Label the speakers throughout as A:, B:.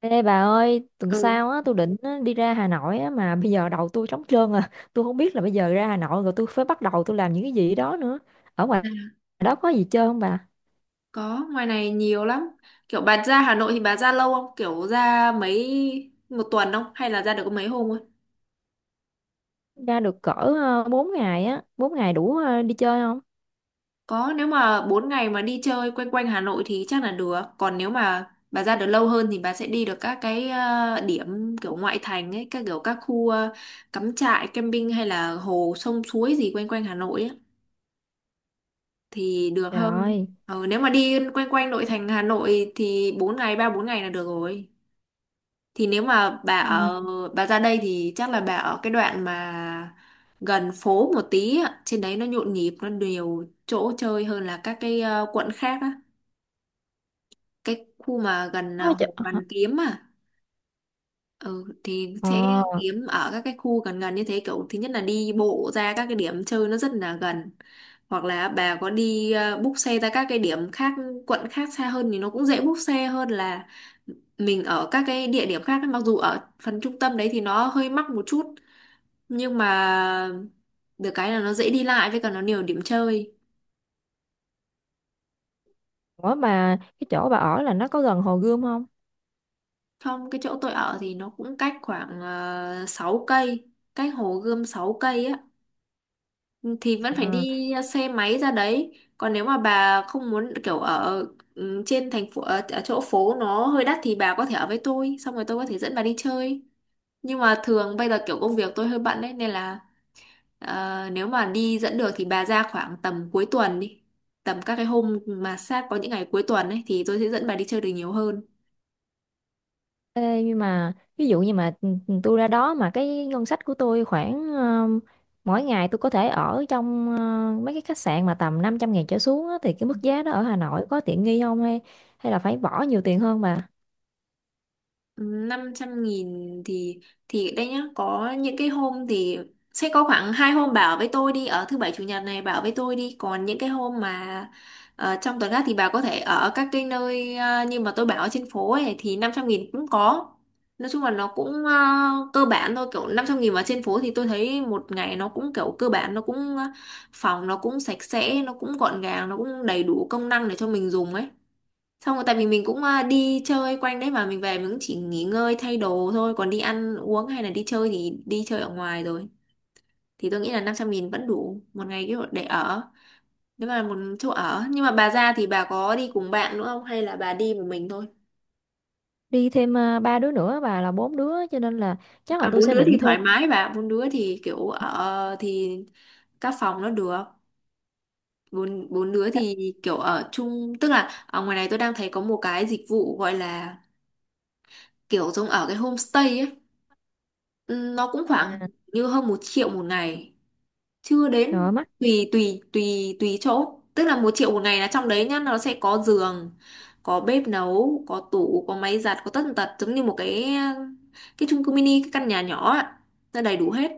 A: Ê bà ơi, tuần
B: ừ
A: sau tôi định đi ra Hà Nội á, mà bây giờ đầu tôi trống trơn à. Tôi không biết là bây giờ ra Hà Nội rồi tôi phải bắt đầu làm những cái gì đó nữa. Ở ngoài
B: à,
A: đó có gì chơi không bà?
B: có ngoài này nhiều lắm. Kiểu bà ra Hà Nội thì bà ra lâu không, kiểu ra mấy một tuần không hay là ra được có mấy hôm thôi?
A: Ra được cỡ 4 ngày á, bốn ngày đủ đi chơi không?
B: Có, nếu mà 4 ngày mà đi chơi quanh quanh Hà Nội thì chắc là được, còn nếu mà bà ra được lâu hơn thì bà sẽ đi được các cái điểm kiểu ngoại thành ấy, các kiểu các khu cắm trại, camping hay là hồ sông suối gì quanh quanh Hà Nội ấy, thì được
A: Trời
B: hơn.
A: ơi.
B: Nếu mà đi quanh quanh nội thành Hà Nội thì 4 ngày ba bốn ngày là được rồi. Thì nếu mà
A: Ừ.
B: bà ra đây thì chắc là bà ở cái đoạn mà gần phố một tí á, trên đấy nó nhộn nhịp, nó nhiều chỗ chơi hơn là các cái quận khác á. Cái khu mà gần
A: Có chỗ...
B: Hồ Hoàn Kiếm à. Ừ, thì sẽ
A: Ờ,
B: kiếm ở các cái khu gần gần như thế, kiểu thứ nhất là đi bộ ra các cái điểm chơi nó rất là gần, hoặc là bà có đi book xe ra các cái điểm khác, quận khác xa hơn thì nó cũng dễ book xe hơn là mình ở các cái địa điểm khác ấy. Mặc dù ở phần trung tâm đấy thì nó hơi mắc một chút nhưng mà được cái là nó dễ đi lại với cả nó nhiều điểm chơi.
A: ủa mà cái chỗ bà ở là nó có gần Hồ Gươm không?
B: Trong cái chỗ tôi ở thì nó cũng cách khoảng 6 cây, cách Hồ Gươm 6 cây á, thì vẫn phải
A: À.
B: đi xe máy ra đấy. Còn nếu mà bà không muốn kiểu trên thành phố ở, ở chỗ phố nó hơi đắt thì bà có thể ở với tôi xong rồi tôi có thể dẫn bà đi chơi. Nhưng mà thường bây giờ kiểu công việc tôi hơi bận đấy nên là nếu mà đi dẫn được thì bà ra khoảng tầm cuối tuần đi, tầm các cái hôm mà sát có những ngày cuối tuần ấy thì tôi sẽ dẫn bà đi chơi được nhiều hơn.
A: Ê, nhưng mà ví dụ như mà tôi ra đó mà cái ngân sách của tôi khoảng mỗi ngày tôi có thể ở trong mấy cái khách sạn mà tầm 500 ngàn trở xuống á, thì cái mức giá đó ở Hà Nội có tiện nghi không hay hay là phải bỏ nhiều tiền hơn bà.
B: Năm trăm nghìn thì đây nhá, có những cái hôm thì sẽ có khoảng hai hôm, bảo với tôi đi ở thứ bảy chủ nhật này bảo với tôi đi, còn những cái hôm mà trong tuần khác thì bà có thể ở các cái nơi như mà tôi bảo ở trên phố ấy thì 500 nghìn cũng có. Nói chung là nó cũng cơ bản thôi, kiểu 500 nghìn mà trên phố thì tôi thấy một ngày nó cũng kiểu cơ bản, nó cũng phòng nó cũng sạch sẽ, nó cũng gọn gàng, nó cũng đầy đủ công năng để cho mình dùng ấy. Xong rồi tại vì mình cũng đi chơi quanh đấy mà mình về mình cũng chỉ nghỉ ngơi thay đồ thôi, còn đi ăn uống hay là đi chơi thì đi chơi ở ngoài rồi, thì tôi nghĩ là 500 nghìn vẫn đủ một ngày kiểu để ở, nếu mà một chỗ ở. Nhưng mà bà ra thì bà có đi cùng bạn nữa không hay là bà đi một mình thôi?
A: Đi thêm ba đứa nữa bà, là bốn đứa cho nên là chắc là
B: À
A: tôi
B: bốn
A: sẽ
B: đứa thì
A: định thuê.
B: thoải mái bà, bốn đứa thì kiểu ở thì các phòng nó được. Bốn bốn đứa thì kiểu ở chung, tức là ở ngoài này tôi đang thấy có một cái dịch vụ gọi là kiểu giống ở cái homestay ấy. Ừ, nó cũng khoảng
A: À,
B: như hơn một triệu một ngày, chưa
A: trời
B: đến.
A: ơi, mắc.
B: Tùy tùy tùy tùy chỗ, tức là một triệu một ngày là trong đấy nhá, nó sẽ có giường, có bếp nấu, có tủ, có máy giặt, có tất tần tật, giống như một cái chung cư mini, cái căn nhà nhỏ ạ, nó đầy đủ hết.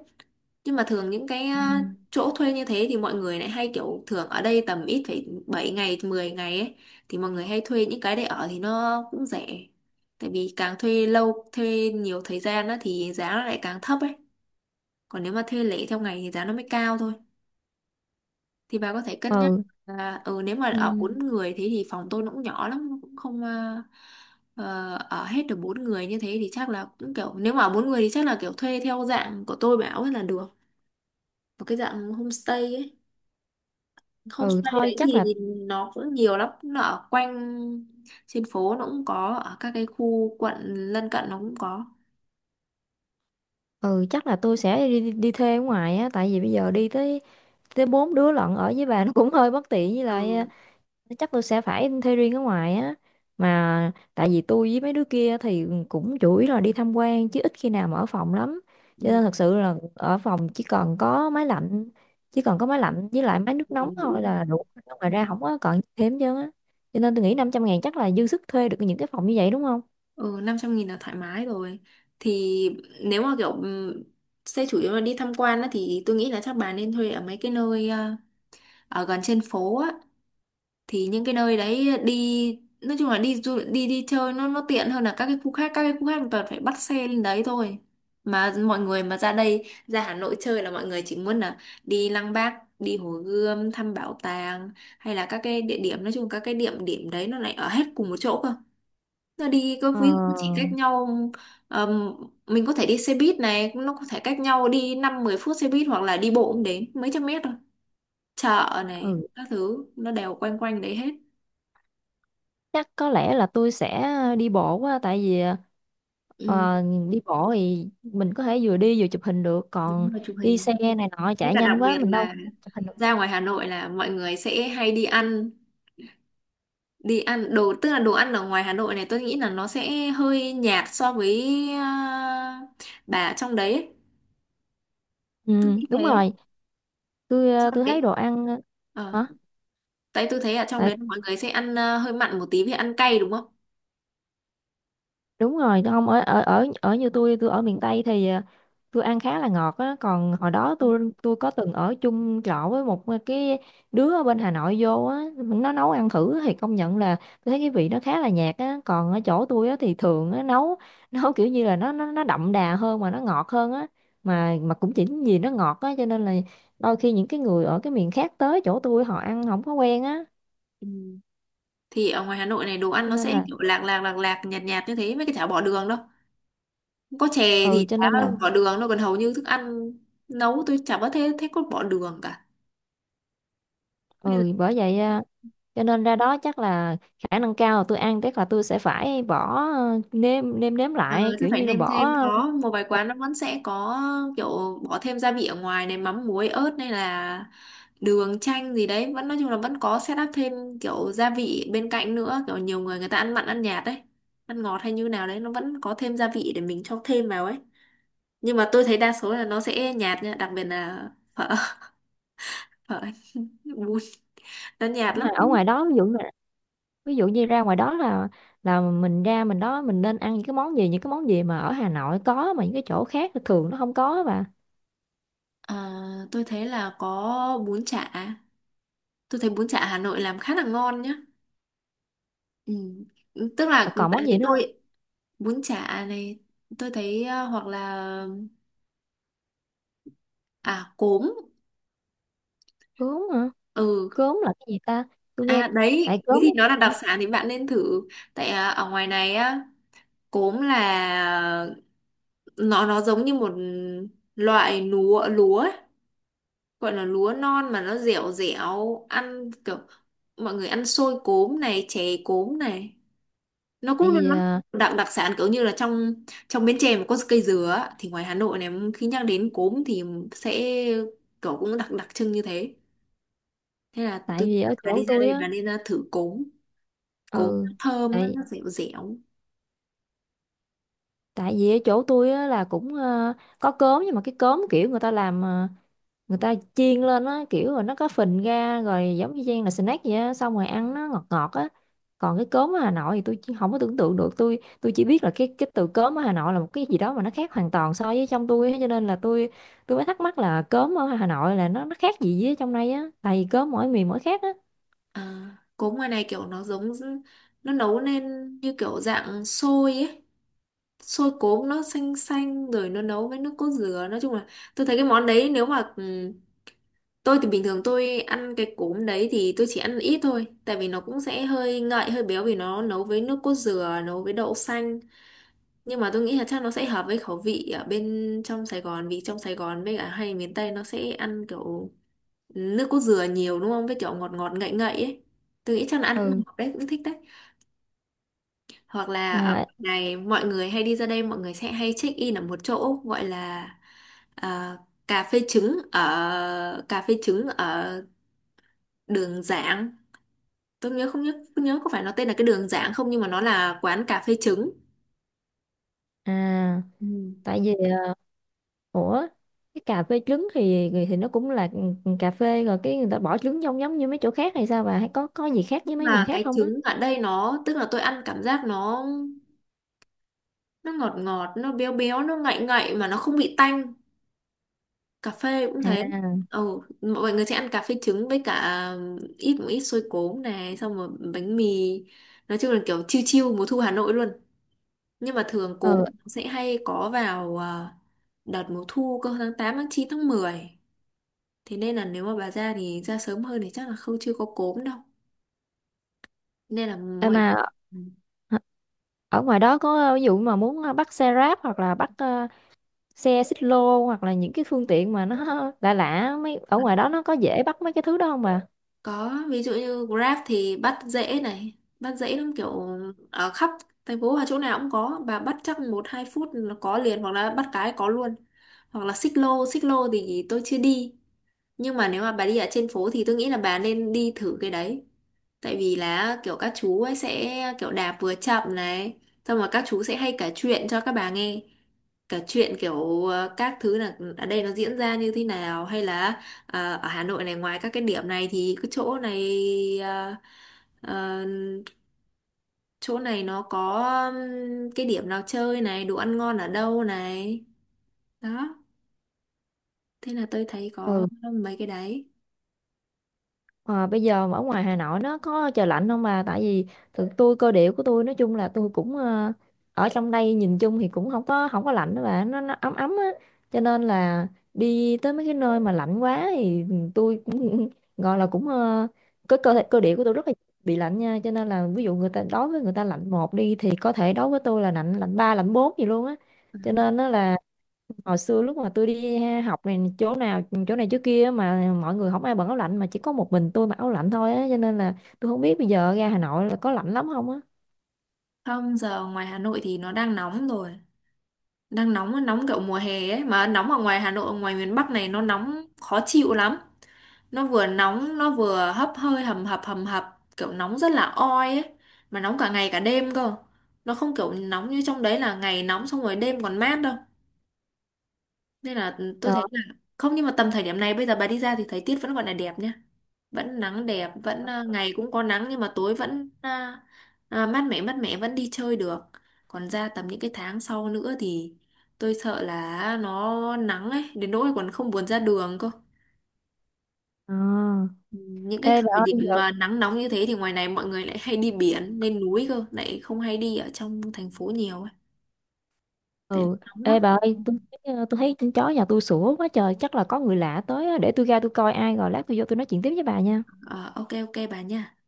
B: Nhưng mà thường những cái
A: Ừ.
B: chỗ thuê như thế thì mọi người lại hay kiểu thường ở đây tầm ít phải 7 ngày 10 ngày ấy, thì mọi người hay thuê những cái để ở thì nó cũng rẻ, tại vì càng thuê lâu thuê nhiều thời gian á, thì giá nó lại càng thấp ấy, còn nếu mà thuê lẻ theo ngày thì giá nó mới cao thôi. Thì bà có thể cân nhắc
A: Ừ.
B: là ừ, nếu mà
A: ừ
B: ở bốn người thế thì phòng tôi nó cũng nhỏ lắm, nó cũng không ở hết được bốn người như thế, thì chắc là cũng kiểu nếu mà ở bốn người thì chắc là kiểu thuê theo dạng của tôi bảo ấy là được, một cái dạng homestay ấy.
A: ừ,
B: Homestay
A: thôi
B: đấy
A: chắc là
B: thì nó cũng nhiều lắm, nó ở quanh trên phố nó cũng có, ở các cái khu quận lân cận nó cũng có.
A: ừ chắc là tôi sẽ đi, đi đi thuê ở ngoài á, tại vì bây giờ đi tới tới bốn đứa lận ở với bà nó cũng hơi bất tiện, với lại
B: Ừ.
A: chắc tôi sẽ phải thuê riêng ở ngoài á, mà tại vì tôi với mấy đứa kia thì cũng chủ yếu là đi tham quan chứ ít khi nào mà ở phòng lắm, cho
B: Ừ.
A: nên thật sự là ở phòng chỉ còn có máy lạnh với lại máy nước nóng thôi là đủ, ngoài
B: Ừ.
A: ra không có còn thêm chứ á, cho nên tôi nghĩ 500 ngàn chắc là dư sức thuê được những cái phòng như vậy đúng không?
B: Ừ, 500 nghìn là thoải mái rồi. Thì nếu mà kiểu xe chủ yếu là đi tham quan á, thì tôi nghĩ là chắc bà nên thuê ở mấy cái nơi ở gần trên phố á. Thì những cái nơi đấy đi nói chung là đi đi chơi nó tiện hơn là các cái khu khác. Các cái khu khác mình toàn phải bắt xe lên đấy thôi. Mà mọi người mà ra đây ra Hà Nội chơi là mọi người chỉ muốn là đi Lăng Bác, đi Hồ Gươm, thăm bảo tàng hay là các cái địa điểm, nói chung các cái địa điểm đấy nó lại ở hết cùng một chỗ cơ, nó đi có
A: Ờ,
B: ví dụ chỉ cách nhau ờm, mình có thể đi xe buýt này, nó có thể cách nhau đi năm mười phút xe buýt hoặc là đi bộ cũng đến mấy trăm mét thôi, chợ này
A: ừ
B: các thứ nó đều quanh quanh đấy hết.
A: chắc có lẽ là tôi sẽ đi bộ quá tại vì
B: Ừ,
A: ờ, đi bộ thì mình có thể vừa đi vừa chụp hình được, còn
B: đúng là chụp
A: đi
B: hình.
A: xe này nọ
B: Với
A: chạy
B: cả đặc
A: nhanh quá
B: biệt
A: mình đâu
B: là
A: có chụp hình được.
B: ra ngoài Hà Nội là mọi người sẽ hay đi ăn, đi ăn đồ, tức là đồ ăn ở ngoài Hà Nội này tôi nghĩ là nó sẽ hơi nhạt so với bà ở trong đấy ấy. Tôi
A: Ừ,
B: nghĩ
A: đúng
B: thế.
A: rồi. Tôi
B: Trong
A: tôi thấy
B: đấy.
A: đồ ăn
B: Ờ.
A: ờ,
B: Tại tôi thấy ở trong
A: hả
B: đấy mọi người sẽ ăn hơi mặn một tí vì ăn cay đúng không?
A: đúng rồi, tôi không ở ở ở ở như tôi ở miền Tây thì tôi ăn khá là ngọt á, còn hồi đó tôi có từng ở chung trọ với một cái đứa ở bên Hà Nội vô á, nó nấu ăn thử thì công nhận là tôi thấy cái vị nó khá là nhạt á, còn ở chỗ tôi á thì thường á nấu nấu kiểu như là nó đậm đà hơn mà nó ngọt hơn á, mà cũng chỉ vì nó ngọt á cho nên là đôi khi những cái người ở cái miền khác tới chỗ tôi họ ăn không có quen á,
B: Ừ. Thì ở ngoài Hà Nội này đồ ăn
A: cho
B: nó
A: nên
B: sẽ
A: là
B: kiểu lạc lạc lạc lạc nhạt nhạt như thế, mấy cái chả bỏ đường đâu. Có chè
A: ừ
B: thì
A: cho
B: chả
A: nên là
B: bỏ đường đâu, còn hầu như thức ăn nấu tôi chả có thế thế có bỏ đường cả. Nên là
A: ừ bởi vậy cho nên ra đó chắc là khả năng cao là tôi ăn chắc là tôi sẽ phải bỏ nêm nêm nếm
B: Ờ,
A: lại
B: chắc
A: kiểu
B: phải
A: như là
B: nêm
A: bỏ
B: thêm, có một vài
A: ờ,
B: quán nó vẫn sẽ có kiểu bỏ thêm gia vị, ở ngoài này mắm muối ớt hay là đường chanh gì đấy vẫn, nói chung là vẫn có set up thêm kiểu gia vị bên cạnh nữa, kiểu nhiều người, người ta ăn mặn ăn nhạt đấy, ăn ngọt hay như nào đấy nó vẫn có thêm gia vị để mình cho thêm vào ấy. Nhưng mà tôi thấy đa số là nó sẽ nhạt nha, đặc biệt là phở phở, bún, nó nhạt lắm.
A: mà ở ngoài đó ví dụ như ra ngoài đó là mình ra mình đó mình nên ăn những cái món gì, những cái món gì mà ở Hà Nội có mà những cái chỗ khác thì thường nó không có và
B: Ờ, tôi thấy là có bún chả, tôi thấy bún chả Hà Nội làm khá là ngon nhá. Ừ. Tức
A: còn,
B: là
A: còn món
B: tại
A: gì
B: vì
A: nữa không?
B: tôi bún chả này, tôi thấy hoặc là à cốm.
A: Cốm hả?
B: Ừ.
A: Cốm là cái gì ta, tôi nghe
B: À
A: tại
B: đấy thế
A: cốm
B: thì nó là đặc
A: hả?
B: sản thì bạn nên thử. Tại ở ngoài này á, cốm là nó giống như một loại lúa lúa ấy. Gọi là lúa non mà nó dẻo dẻo, ăn kiểu mọi người ăn xôi cốm này, chè cốm này, nó cũng
A: Tại vì
B: nó đặc đặc sản kiểu như là trong trong Bến Tre mà có cây dừa á, thì ngoài Hà Nội này khi nhắc đến cốm thì sẽ kiểu cũng đặc đặc trưng như thế. Thế là
A: tại
B: tôi nghĩ
A: vì
B: là
A: ở
B: bà
A: chỗ
B: đi ra
A: tôi
B: đây
A: á.
B: bà nên ra thử cốm, cốm
A: Ừ,
B: nó thơm
A: tại
B: nó dẻo dẻo.
A: tại vì ở chỗ tôi á là cũng ờ, có cốm nhưng mà cái cốm kiểu người ta làm người ta chiên lên á kiểu rồi nó có phình ra rồi giống như chiên là snack vậy á, xong rồi ăn nó ngọt ngọt á, còn cái cốm ở Hà Nội thì tôi chỉ không có tưởng tượng được. Tôi chỉ biết là cái từ cốm ở Hà Nội là một cái gì đó mà nó khác hoàn toàn so với trong tôi á, cho nên là tôi mới thắc mắc là cốm ở Hà Nội là nó khác gì với trong đây á, tại vì cốm mỗi miền mỗi khác á.
B: À, cốm ngoài này kiểu nó giống nó nấu lên như kiểu dạng xôi ấy, xôi cốm nó xanh xanh rồi nó nấu với nước cốt dừa. Nói chung là tôi thấy cái món đấy nếu mà tôi thì bình thường tôi ăn cái cốm đấy thì tôi chỉ ăn ít thôi, tại vì nó cũng sẽ hơi ngậy hơi béo vì nó nấu với nước cốt dừa, nấu với đậu xanh. Nhưng mà tôi nghĩ là chắc nó sẽ hợp với khẩu vị ở bên trong Sài Gòn, vì trong Sài Gòn với cả hay miền Tây nó sẽ ăn kiểu nước cốt dừa nhiều đúng không, với kiểu ngọt ngọt ngậy ngậy ấy, tôi nghĩ chắc là ăn cũng
A: Ừ
B: hợp đấy, cũng thích đấy. Hoặc là ở
A: mà
B: này mọi người hay đi ra đây mọi người sẽ hay check in ở một chỗ gọi là à, cà phê trứng, ở cà phê trứng ở đường Giảng. Tôi nhớ không nhớ không nhớ có phải nó tên là cái đường Giảng không, nhưng mà nó là quán cà phê trứng.
A: à
B: Ừ.
A: tại vì ủa cái cà phê trứng thì nó cũng là cà phê rồi cái người ta bỏ trứng trong giống như mấy chỗ khác hay sao bà, hay có gì khác với mấy miền
B: Mà
A: khác
B: cái
A: không á?
B: trứng ở đây nó tức là tôi ăn cảm giác nó ngọt ngọt nó béo béo nó ngậy ngậy mà nó không bị tanh, cà phê cũng thế.
A: À.
B: Ừ, mọi người sẽ ăn cà phê trứng với cả một ít xôi cốm này xong rồi bánh mì, nói chung là kiểu chiêu chiêu mùa thu Hà Nội luôn. Nhưng mà thường cốm
A: Ừ
B: sẽ hay có vào đợt mùa thu cơ, tháng 8 tháng 9 tháng mười. Thế nên là nếu mà bà ra thì ra sớm hơn thì chắc là không chưa có cốm đâu. Nên là
A: em
B: mọi
A: mà
B: người ừ,
A: hả? Ở ngoài đó có ví dụ mà muốn bắt xe ráp hoặc là bắt xe xích lô hoặc là những cái phương tiện mà nó lạ lạ mấy ở ngoài đó nó có dễ bắt mấy cái thứ đó không bà?
B: có ví dụ như Grab thì bắt dễ này, bắt dễ lắm, kiểu ở khắp thành phố và chỗ nào cũng có, bà bắt chắc một hai phút là có liền hoặc là bắt cái có luôn. Hoặc là xích lô thì tôi chưa đi. Nhưng mà nếu mà bà đi ở trên phố thì tôi nghĩ là bà nên đi thử cái đấy. Tại vì là kiểu các chú ấy sẽ kiểu đạp vừa chậm này, xong rồi các chú sẽ hay kể chuyện cho các bà nghe. Kể chuyện kiểu các thứ là ở đây nó diễn ra như thế nào, hay là ở Hà Nội này ngoài các cái điểm này thì cái chỗ này ờ, ờ, chỗ này nó có cái điểm nào chơi này, đồ ăn ngon ở đâu này. Đó, thế là tôi thấy có
A: Ừ.
B: mấy cái đấy.
A: Ờ, bây giờ ở ngoài Hà Nội nó có trời lạnh không bà? Tại vì thực tôi cơ địa của tôi nói chung là tôi cũng ở trong đây nhìn chung thì cũng không có lạnh đó bà, nó ấm ấm á. Cho nên là đi tới mấy cái nơi mà lạnh quá thì tôi cũng gọi là cũng cái cơ thể cơ địa của tôi rất là bị lạnh nha. Cho nên là ví dụ người ta đối với người ta lạnh một đi thì có thể đối với tôi là lạnh lạnh ba lạnh bốn gì luôn á.
B: Ừ.
A: Cho nên nó là hồi xưa lúc mà tôi đi học này chỗ nào chỗ này chỗ kia mà mọi người không ai bận áo lạnh mà chỉ có một mình tôi mặc áo lạnh thôi á, cho nên là tôi không biết bây giờ ra Hà Nội là có lạnh lắm không á.
B: Không, giờ ngoài Hà Nội thì nó đang nóng rồi. Đang nóng nóng kiểu mùa hè ấy, mà nóng ở ngoài Hà Nội ở ngoài miền Bắc này nó nóng khó chịu lắm, nó vừa nóng nó vừa hấp hơi hầm hập kiểu nóng rất là oi ấy, mà nóng cả ngày cả đêm cơ, nó không kiểu nóng như trong đấy là ngày nóng xong rồi đêm còn mát đâu. Nên là tôi
A: Trời
B: thấy là không, nhưng mà tầm thời điểm này bây giờ bà đi ra thì thời tiết vẫn gọi là đẹp nhá, vẫn nắng đẹp, vẫn ngày cũng có nắng nhưng mà tối vẫn mát mẻ vẫn đi chơi được. Còn ra tầm những cái tháng sau nữa thì tôi sợ là nó nắng ấy đến nỗi còn không buồn ra đường cơ,
A: à.
B: những cái
A: Ê bà
B: thời điểm
A: ơi giờ
B: mà nắng nóng như thế thì ngoài này mọi người lại hay đi biển lên núi cơ, lại không hay đi ở trong thành phố nhiều ấy, tại
A: ừ
B: nóng
A: ê
B: lắm.
A: bà ơi tôi thấy tôi thấy con chó nhà tôi sủa quá trời chắc là có người lạ tới á. Để tôi ra tôi coi ai rồi lát tôi vô tôi nói chuyện tiếp với bà nha.
B: Ờ, ok ok bà nha.